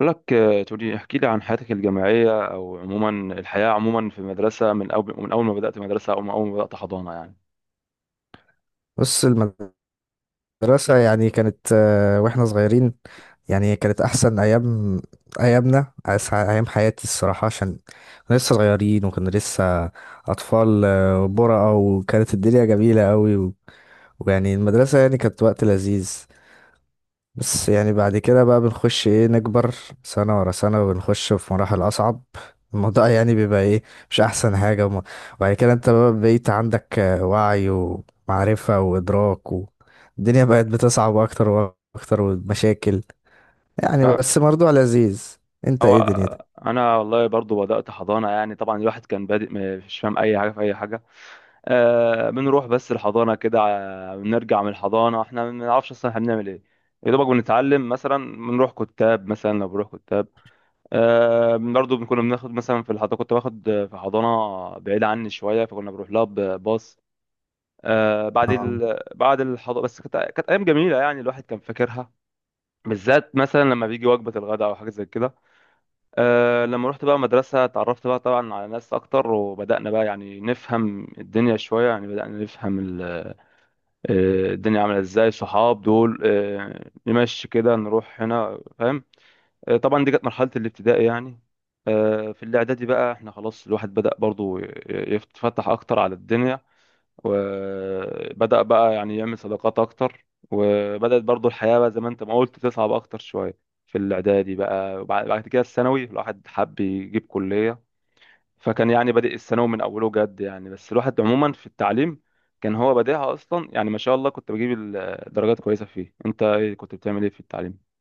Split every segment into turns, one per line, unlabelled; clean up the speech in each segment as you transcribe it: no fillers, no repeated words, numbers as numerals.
بقول لك تقولي احكي لي عن حياتك الجامعية أو عموما الحياة عموما في المدرسة من أول ما بدأت مدرسة أو من أول ما بدأت حضانة يعني.
بص المدرسة كانت واحنا صغيرين، يعني كانت أحسن أيام أيام حياتي الصراحة. عشان كنا لسه صغيرين وكنا لسه أطفال، برقة، وكانت الدنيا جميلة أوي ويعني المدرسة يعني كانت وقت لذيذ. بس يعني بعد كده بقى بنخش نكبر سنة ورا سنة، وبنخش في مراحل أصعب. الموضوع يعني بيبقى مش أحسن حاجة. وبعد كده انت بقى بقيت عندك وعي ومعرفة وإدراك، والدنيا بقت بتصعب أكتر وأكتر ومشاكل، يعني
أه.
بس برضه لذيذ. انت
أو
ايه دنيتك؟
أنا والله برضو بدأت حضانة. يعني طبعا الواحد كان بادئ مش فاهم أي حاجة في أي حاجة. بنروح بس الحضانة كده، بنرجع من الحضانة. إحنا ما بنعرفش أصلا إحنا بنعمل إيه. يا دوبك بنتعلم، مثلا بنروح كتاب، مثلا لو بنروح كتاب. برضو كنا بناخد مثلا في الحضانة، كنت باخد في حضانة بعيدة عني شوية، فكنا بنروح لها بباص. بعد الحضور. بس كانت ايام جميله يعني الواحد كان فاكرها، بالذات مثلا لما بيجي وجبه الغداء او حاجه زي كده. لما رحت بقى مدرسه، اتعرفت بقى طبعا على ناس اكتر، وبدانا بقى يعني نفهم الدنيا شويه، يعني بدانا نفهم الدنيا عامله ازاي، صحاب دول، نمشي كده، نروح هنا، فاهم. طبعا دي كانت مرحله الابتدائي يعني. في الاعدادي بقى احنا خلاص الواحد بدا برضو يتفتح اكتر على الدنيا، وبدأ بقى يعني يعمل صداقات أكتر، وبدأت برضو الحياة بقى زي ما أنت ما قلت تصعب أكتر شوية في الإعدادي بقى. وبعد كده الثانوي الواحد حب يجيب كلية، فكان يعني بادئ الثانوي من أوله جد يعني، بس الواحد عموما في التعليم كان هو بادئها أصلا يعني. ما شاء الله كنت بجيب درجات كويسة فيه. أنت إيه كنت بتعمل إيه في التعليم؟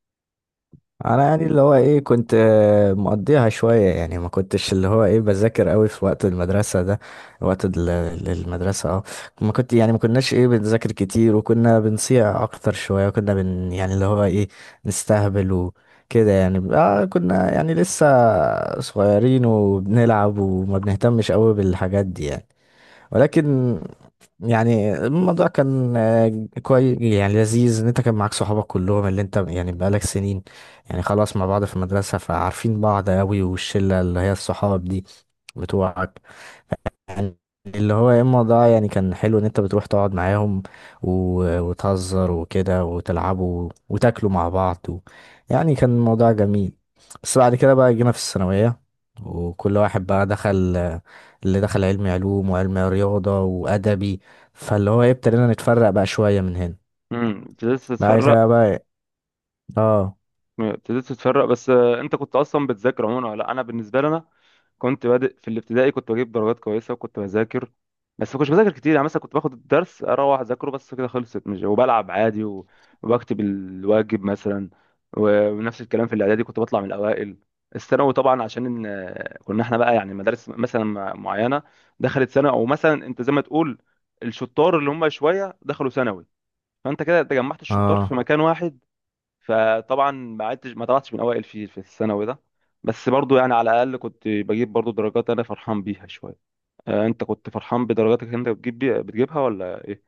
انا يعني اللي هو ايه كنت مقضيها شوية، يعني ما كنتش اللي هو ايه بذاكر قوي في وقت المدرسة ده. وقت المدرسة اه ما كنت يعني ما كناش ايه بنذاكر كتير، وكنا بنصيع اكتر شوية، وكنا يعني اللي هو ايه نستهبل وكده. يعني اه كنا يعني لسه صغيرين وبنلعب وما بنهتمش قوي بالحاجات دي يعني. ولكن يعني الموضوع كان كويس يعني لذيذ ان انت كان معاك صحابك كلهم اللي انت يعني بقالك سنين يعني خلاص مع بعض في المدرسة، فعارفين بعض قوي. والشلة اللي هي الصحاب دي بتوعك يعني اللي هو يا اما ده يعني كان حلو ان انت بتروح تقعد معاهم وتهزر وكده وتلعبوا وتاكلوا مع بعض و... يعني كان الموضوع جميل. بس بعد كده بقى جينا في الثانوية، وكل واحد بقى دخل اللي دخل علم علوم وعلم رياضة وأدبي. فاللي هو ايه ابتدينا نتفرق بقى شوية من هنا.
ابتديت
بعد كده
تتفرق.
بقى إيه، اه.
ابتديت تتفرق بس. انت كنت اصلا بتذاكر عموما ولا لا؟ انا بالنسبه لنا كنت بادئ في الابتدائي، كنت بجيب درجات كويسه وكنت بذاكر، بس ما كنتش بذاكر كتير يعني. مثلا كنت باخد الدرس اروح اذاكره بس كده خلصت، مش وبلعب عادي وبكتب الواجب مثلا، ونفس الكلام في الاعدادي كنت بطلع من الاوائل. الثانوي طبعا عشان كنا احنا بقى يعني مدارس مثلا معينه، دخلت ثانوي، او مثلا انت زي ما تقول الشطار اللي هم شويه دخلوا ثانوي، فانت كده تجمعت الشطار في
اه،
مكان واحد. فطبعا ما طلعتش من اوائل في الثانوي ده، بس برضو يعني على الاقل كنت بجيب برضو درجات انا فرحان بيها شويه. انت كنت فرحان بدرجاتك، انت بتجيب، بتجيبها ولا ايه؟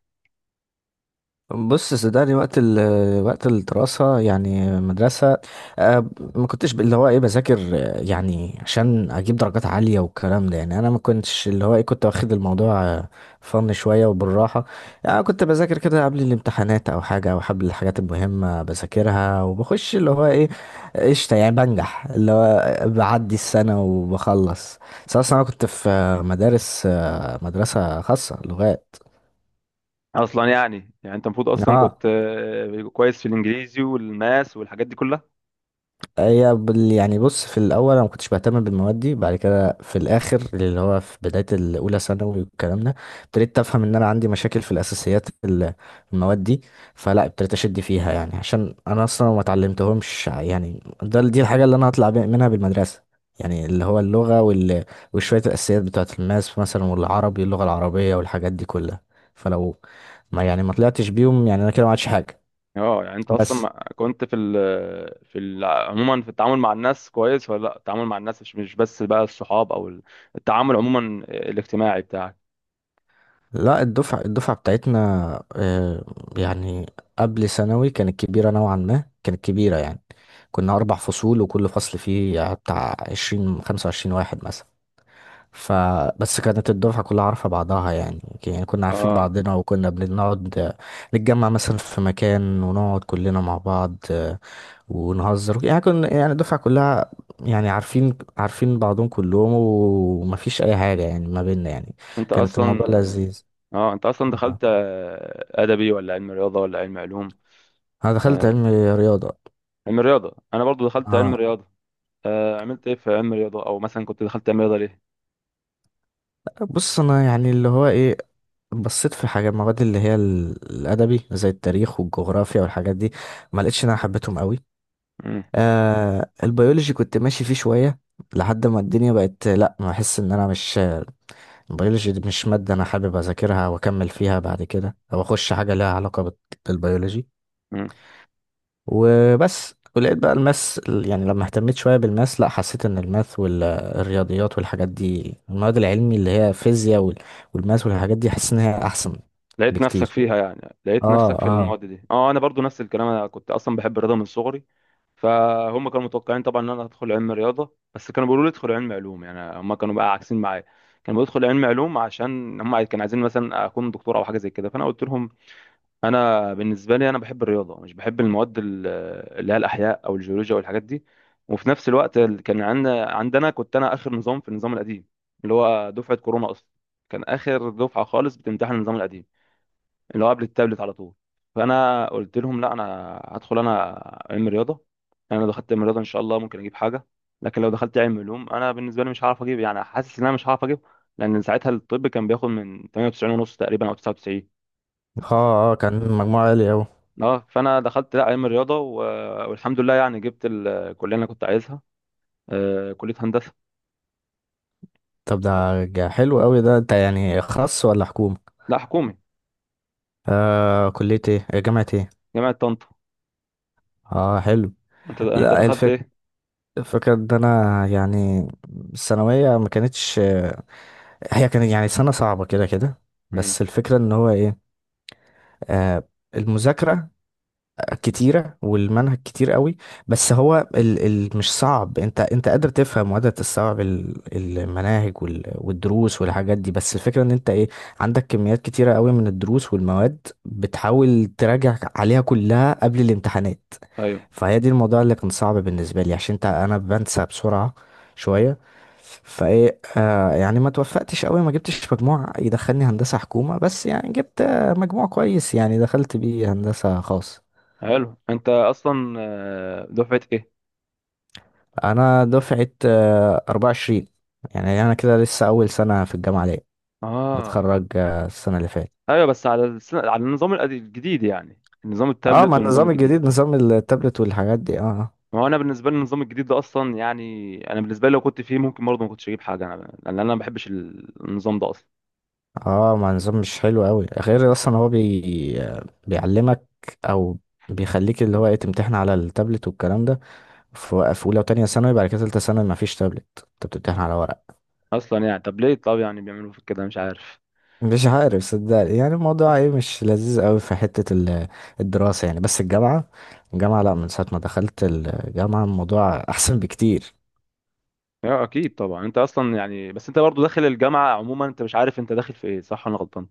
بص صدقني وقت وقت الدراسة يعني مدرسة، آه، ما كنتش اللي هو ايه بذاكر يعني عشان اجيب درجات عالية والكلام ده. يعني انا ما كنتش اللي هو ايه كنت واخد الموضوع فن شوية وبالراحة. يعني أنا كنت بذاكر كده قبل الامتحانات او حاجة، او قبل الحاجات المهمة بذاكرها وبخش اللي هو ايه قشطة، يعني بنجح اللي هو بعدي السنة وبخلص. أصل انا كنت في مدارس مدرسة خاصة لغات.
اصلا يعني انت المفروض اصلا
اه،
كنت كويس في الانجليزي والماس والحاجات دي كلها.
هي يعني بص في الاول انا ما كنتش بهتم بالمواد دي. بعد كده في الاخر اللي هو في بدايه الاولى ثانوي والكلام ده ابتديت افهم ان انا عندي مشاكل في الاساسيات المواد دي. فلا ابتديت اشد فيها، يعني عشان انا اصلا ما اتعلمتهمش. يعني ده دي الحاجه اللي انا هطلع منها بالمدرسه، يعني اللي هو اللغه وال... وشويه الاساسيات بتاعه الماس مثلا، والعربي اللغه العربيه والحاجات دي كلها. فلو ما يعني ما طلعتش بيهم يعني انا كده ما عادش حاجه.
اه يعني انت اصلا
بس
كنت في ال عموما في التعامل مع الناس كويس ولا لا؟ التعامل مع الناس، مش بس بقى الصحاب او التعامل عموما الاجتماعي بتاعك.
لا الدفعة بتاعتنا آه، يعني قبل ثانوي كانت كبيرة نوعا ما، كانت كبيرة يعني. كنا أربع فصول، وكل فصل فيه بتاع عشرين خمسة وعشرين واحد مثلا. فبس كانت الدفعة كلها عارفة بعضها يعني. يعني كنا عارفين
اه
بعضنا، وكنا بنقعد نتجمع مثلا في مكان ونقعد كلنا مع بعض ونهزر. يعني كنا يعني الدفعة كلها يعني عارفين عارفين بعضهم كلهم، ومفيش أي حاجة يعني ما بيننا يعني.
انت
كانت الموضوع
اصلا
لذيذ.
اه انت اصلا دخلت
آه.
ادبي ولا علم رياضه ولا علم علوم؟
انا دخلت
آه،
علم رياضه.
علم رياضه. انا برضو دخلت علم
اه،
رياضه. عملت ايه في علم رياضه؟ او مثلا كنت دخلت علم رياضه ليه؟
بص انا يعني اللي هو ايه بصيت في حاجه المواد اللي هي الادبي زي التاريخ والجغرافيا والحاجات دي، ما لقيتش ان انا حبيتهم قوي.
مم.
آه البيولوجي كنت ماشي فيه شويه لحد ما الدنيا بقت لا، ما احس ان انا مش البيولوجي دي مش ماده انا حابب اذاكرها واكمل فيها بعد كده، او اخش حاجه ليها علاقه بالبيولوجي.
مم.
وبس، ولقيت بقى الماس. يعني لما اهتميت شوية بالماس، لا حسيت ان الماث والرياضيات والحاجات دي، المواد العلمي اللي هي فيزياء والماس والحاجات دي، حاسس ان هي احسن
لقيت نفسك
بكتير.
فيها، يعني لقيت نفسك
اه
في
اه.
المواد دي. اه انا برضو نفس الكلام، انا كنت اصلا بحب الرياضه من صغري، فهم كانوا متوقعين طبعا ان انا هدخل علم رياضه. بس كانوا بيقولوا لي ادخل علم علوم، يعني هم كانوا بقى عاكسين معايا، كانوا بيدخل علم علوم عشان هم كانوا عايزين مثلا اكون دكتور او حاجه زي كده. فانا قلت لهم انا بالنسبه لي انا بحب الرياضه، مش بحب المواد اللي هي الاحياء او الجيولوجيا والحاجات دي. وفي نفس الوقت كان عندنا كنت انا اخر نظام في النظام القديم، اللي هو دفعه كورونا اصلا. كان اخر دفعه خالص بتمتحن النظام القديم، اللي هو قبل التابلت على طول. فانا قلت لهم لا، انا هدخل انا علم رياضه. يعني انا لو دخلت علم رياضه ان شاء الله ممكن اجيب حاجه، لكن لو دخلت علم علوم انا بالنسبه لي مش هعرف اجيب، يعني حاسس ان انا مش هعرف اجيب، لان ساعتها الطب كان بياخد من 98 ونص تقريبا او 99.
اه اه، كان مجموعة عالي اوي.
اه فانا دخلت، لا علم الرياضه والحمد لله يعني جبت الكليه اللي انا كنت عايزها، كليه هندسه.
طب ده حلو اوي ده. انت يعني خاص ولا حكومة؟
لا، حكومي.
آه كلية ايه؟ جامعة ايه؟
جامعه طنطا.
اه حلو.
انت
لا
دخلت
الفكرة،
ايه؟
الفكرة ان انا يعني الثانوية ما كانتش، هي كانت يعني سنة صعبة كده كده.
مم.
بس الفكرة ان هو ايه آه، المذاكرة كتيرة والمنهج كتير قوي. بس هو ال مش صعب، انت انت قادر تفهم وقادر تستوعب المناهج والدروس والحاجات دي. بس الفكرة ان انت ايه عندك كميات كتيرة قوي من الدروس والمواد، بتحاول تراجع عليها كلها قبل الامتحانات.
ايوه،
فهي دي الموضوع اللي كان صعب بالنسبة لي، عشان انت انا بنسى بسرعة شوية. فايه آه يعني ما توفقتش قوي، ما جبتش مجموع يدخلني هندسة حكومة، بس يعني جبت مجموع كويس يعني دخلت بيه هندسة خاص.
حلو. انت اصلا دفعه ايه؟
انا دفعة 24، يعني انا كده لسه اول سنة في الجامعة ليا،
اه،
واتخرج السنة اللي فاتت.
ايوه، بس على النظام الجديد يعني، النظام
اه،
التابلت
ما
والنظام
النظام
الجديد.
الجديد نظام التابلت والحاجات دي اه.
ما هو انا بالنسبه لي النظام الجديد ده اصلا يعني، انا بالنسبه لي لو كنت فيه ممكن برضه ما كنتش اجيب حاجه انا، لان انا ما بحبش النظام ده اصلا.
اه ما النظام مش حلو قوي غير اصلا هو بي... بيعلمك او بيخليك اللي هو ايه تمتحن على التابلت والكلام ده في في اولى وتانية ثانوي. بعد كده تالتة ثانوي ما فيش تابلت، انت بتمتحن على ورق.
اصلا يعني طب ليه؟ طب يعني بيعملوا في كده، مش عارف.
مش عارف صدقني يعني الموضوع ايه مش لذيذ قوي في حتة الدراسة يعني. بس الجامعة، الجامعة لا، من ساعة ما دخلت الجامعة الموضوع احسن بكتير.
اه، اكيد طبعا. انت اصلا يعني، بس انت برضو داخل الجامعه عموما، انت مش عارف انت داخل في ايه، صح ولا غلطان؟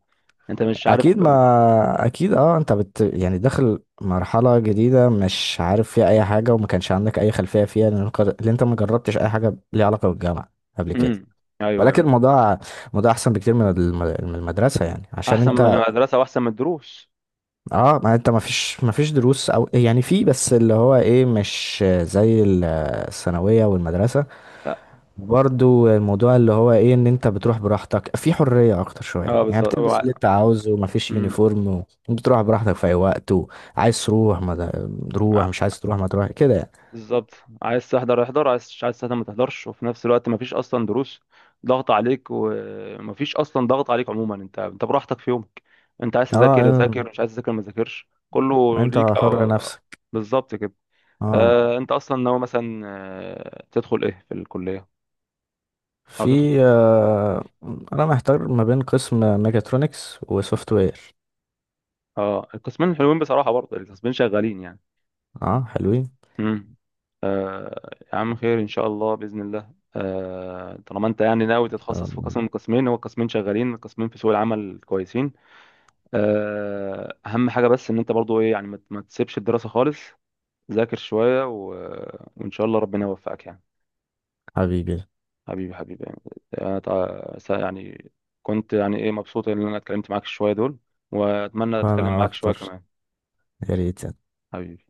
انت مش عارف
اكيد، ما اكيد اه، انت بت يعني داخل مرحلة جديدة مش عارف فيها اي حاجة، وما كانش عندك اي خلفية فيها، لان لأن انت ما جربتش اي حاجة ليها علاقة بالجامعة قبل كده.
امم. ايوه، ايوه.
ولكن
انت
الموضوع موضوع احسن بكتير من من المدرسة، يعني عشان
احسن من
انت
المدرسه واحسن من الدروس.
اه ما انت ما فيش ما فيش دروس. او يعني في، بس اللي هو ايه مش زي الثانوية والمدرسة.
لا،
برضو الموضوع اللي هو ايه ان انت بتروح براحتك، في حرية اكتر شوية
اه،
يعني،
بالظبط،
بتلبس اللي انت عاوزه وما فيش
امم.
يونيفورم. وبتروح براحتك في اي وقت، وعايز تروح ما د- تروح،
ع-
مش عايز تروح ما تروح كده يعني.
بالظبط. عايز تحضر احضر، مش عايز تحضر ما تحضرش. وفي نفس الوقت مفيش اصلا دروس ضغط عليك، ومفيش اصلا ضغط عليك عموما. انت براحتك في يومك، انت عايز تذاكر
اه،
ذاكر، مش عايز تذاكر ما تذاكرش، كله
انت
ليك
حر
او
نفسك.
بالظبط كده.
اه.
انت اصلا ناوي مثلا تدخل ايه في الكليه، او تدخل؟
في آه، انا محتار ما بين قسم ميكاترونكس وسوفت وير.
اه، القسمين حلوين بصراحه، برضه القسمين شغالين يعني.
اه حلوين،
امم. يا عم خير ان شاء الله باذن الله. طالما انت يعني ناوي
ان شاء
تتخصص في
الله.
قسم من القسمين، هو قسمين شغالين، قسمين في سوق العمل كويسين. اهم حاجه بس ان انت برضه ايه يعني ما تسيبش الدراسه خالص. ذاكر شويه وان شاء الله ربنا يوفقك يعني.
حبيبي.
حبيبي حبيبي يعني. يعني كنت يعني ايه مبسوط ان انا اتكلمت معاك شوية دول، واتمنى اتكلم
انا
معاك شوية
اكتر،
كمان.
يا ريت.
حبيبي.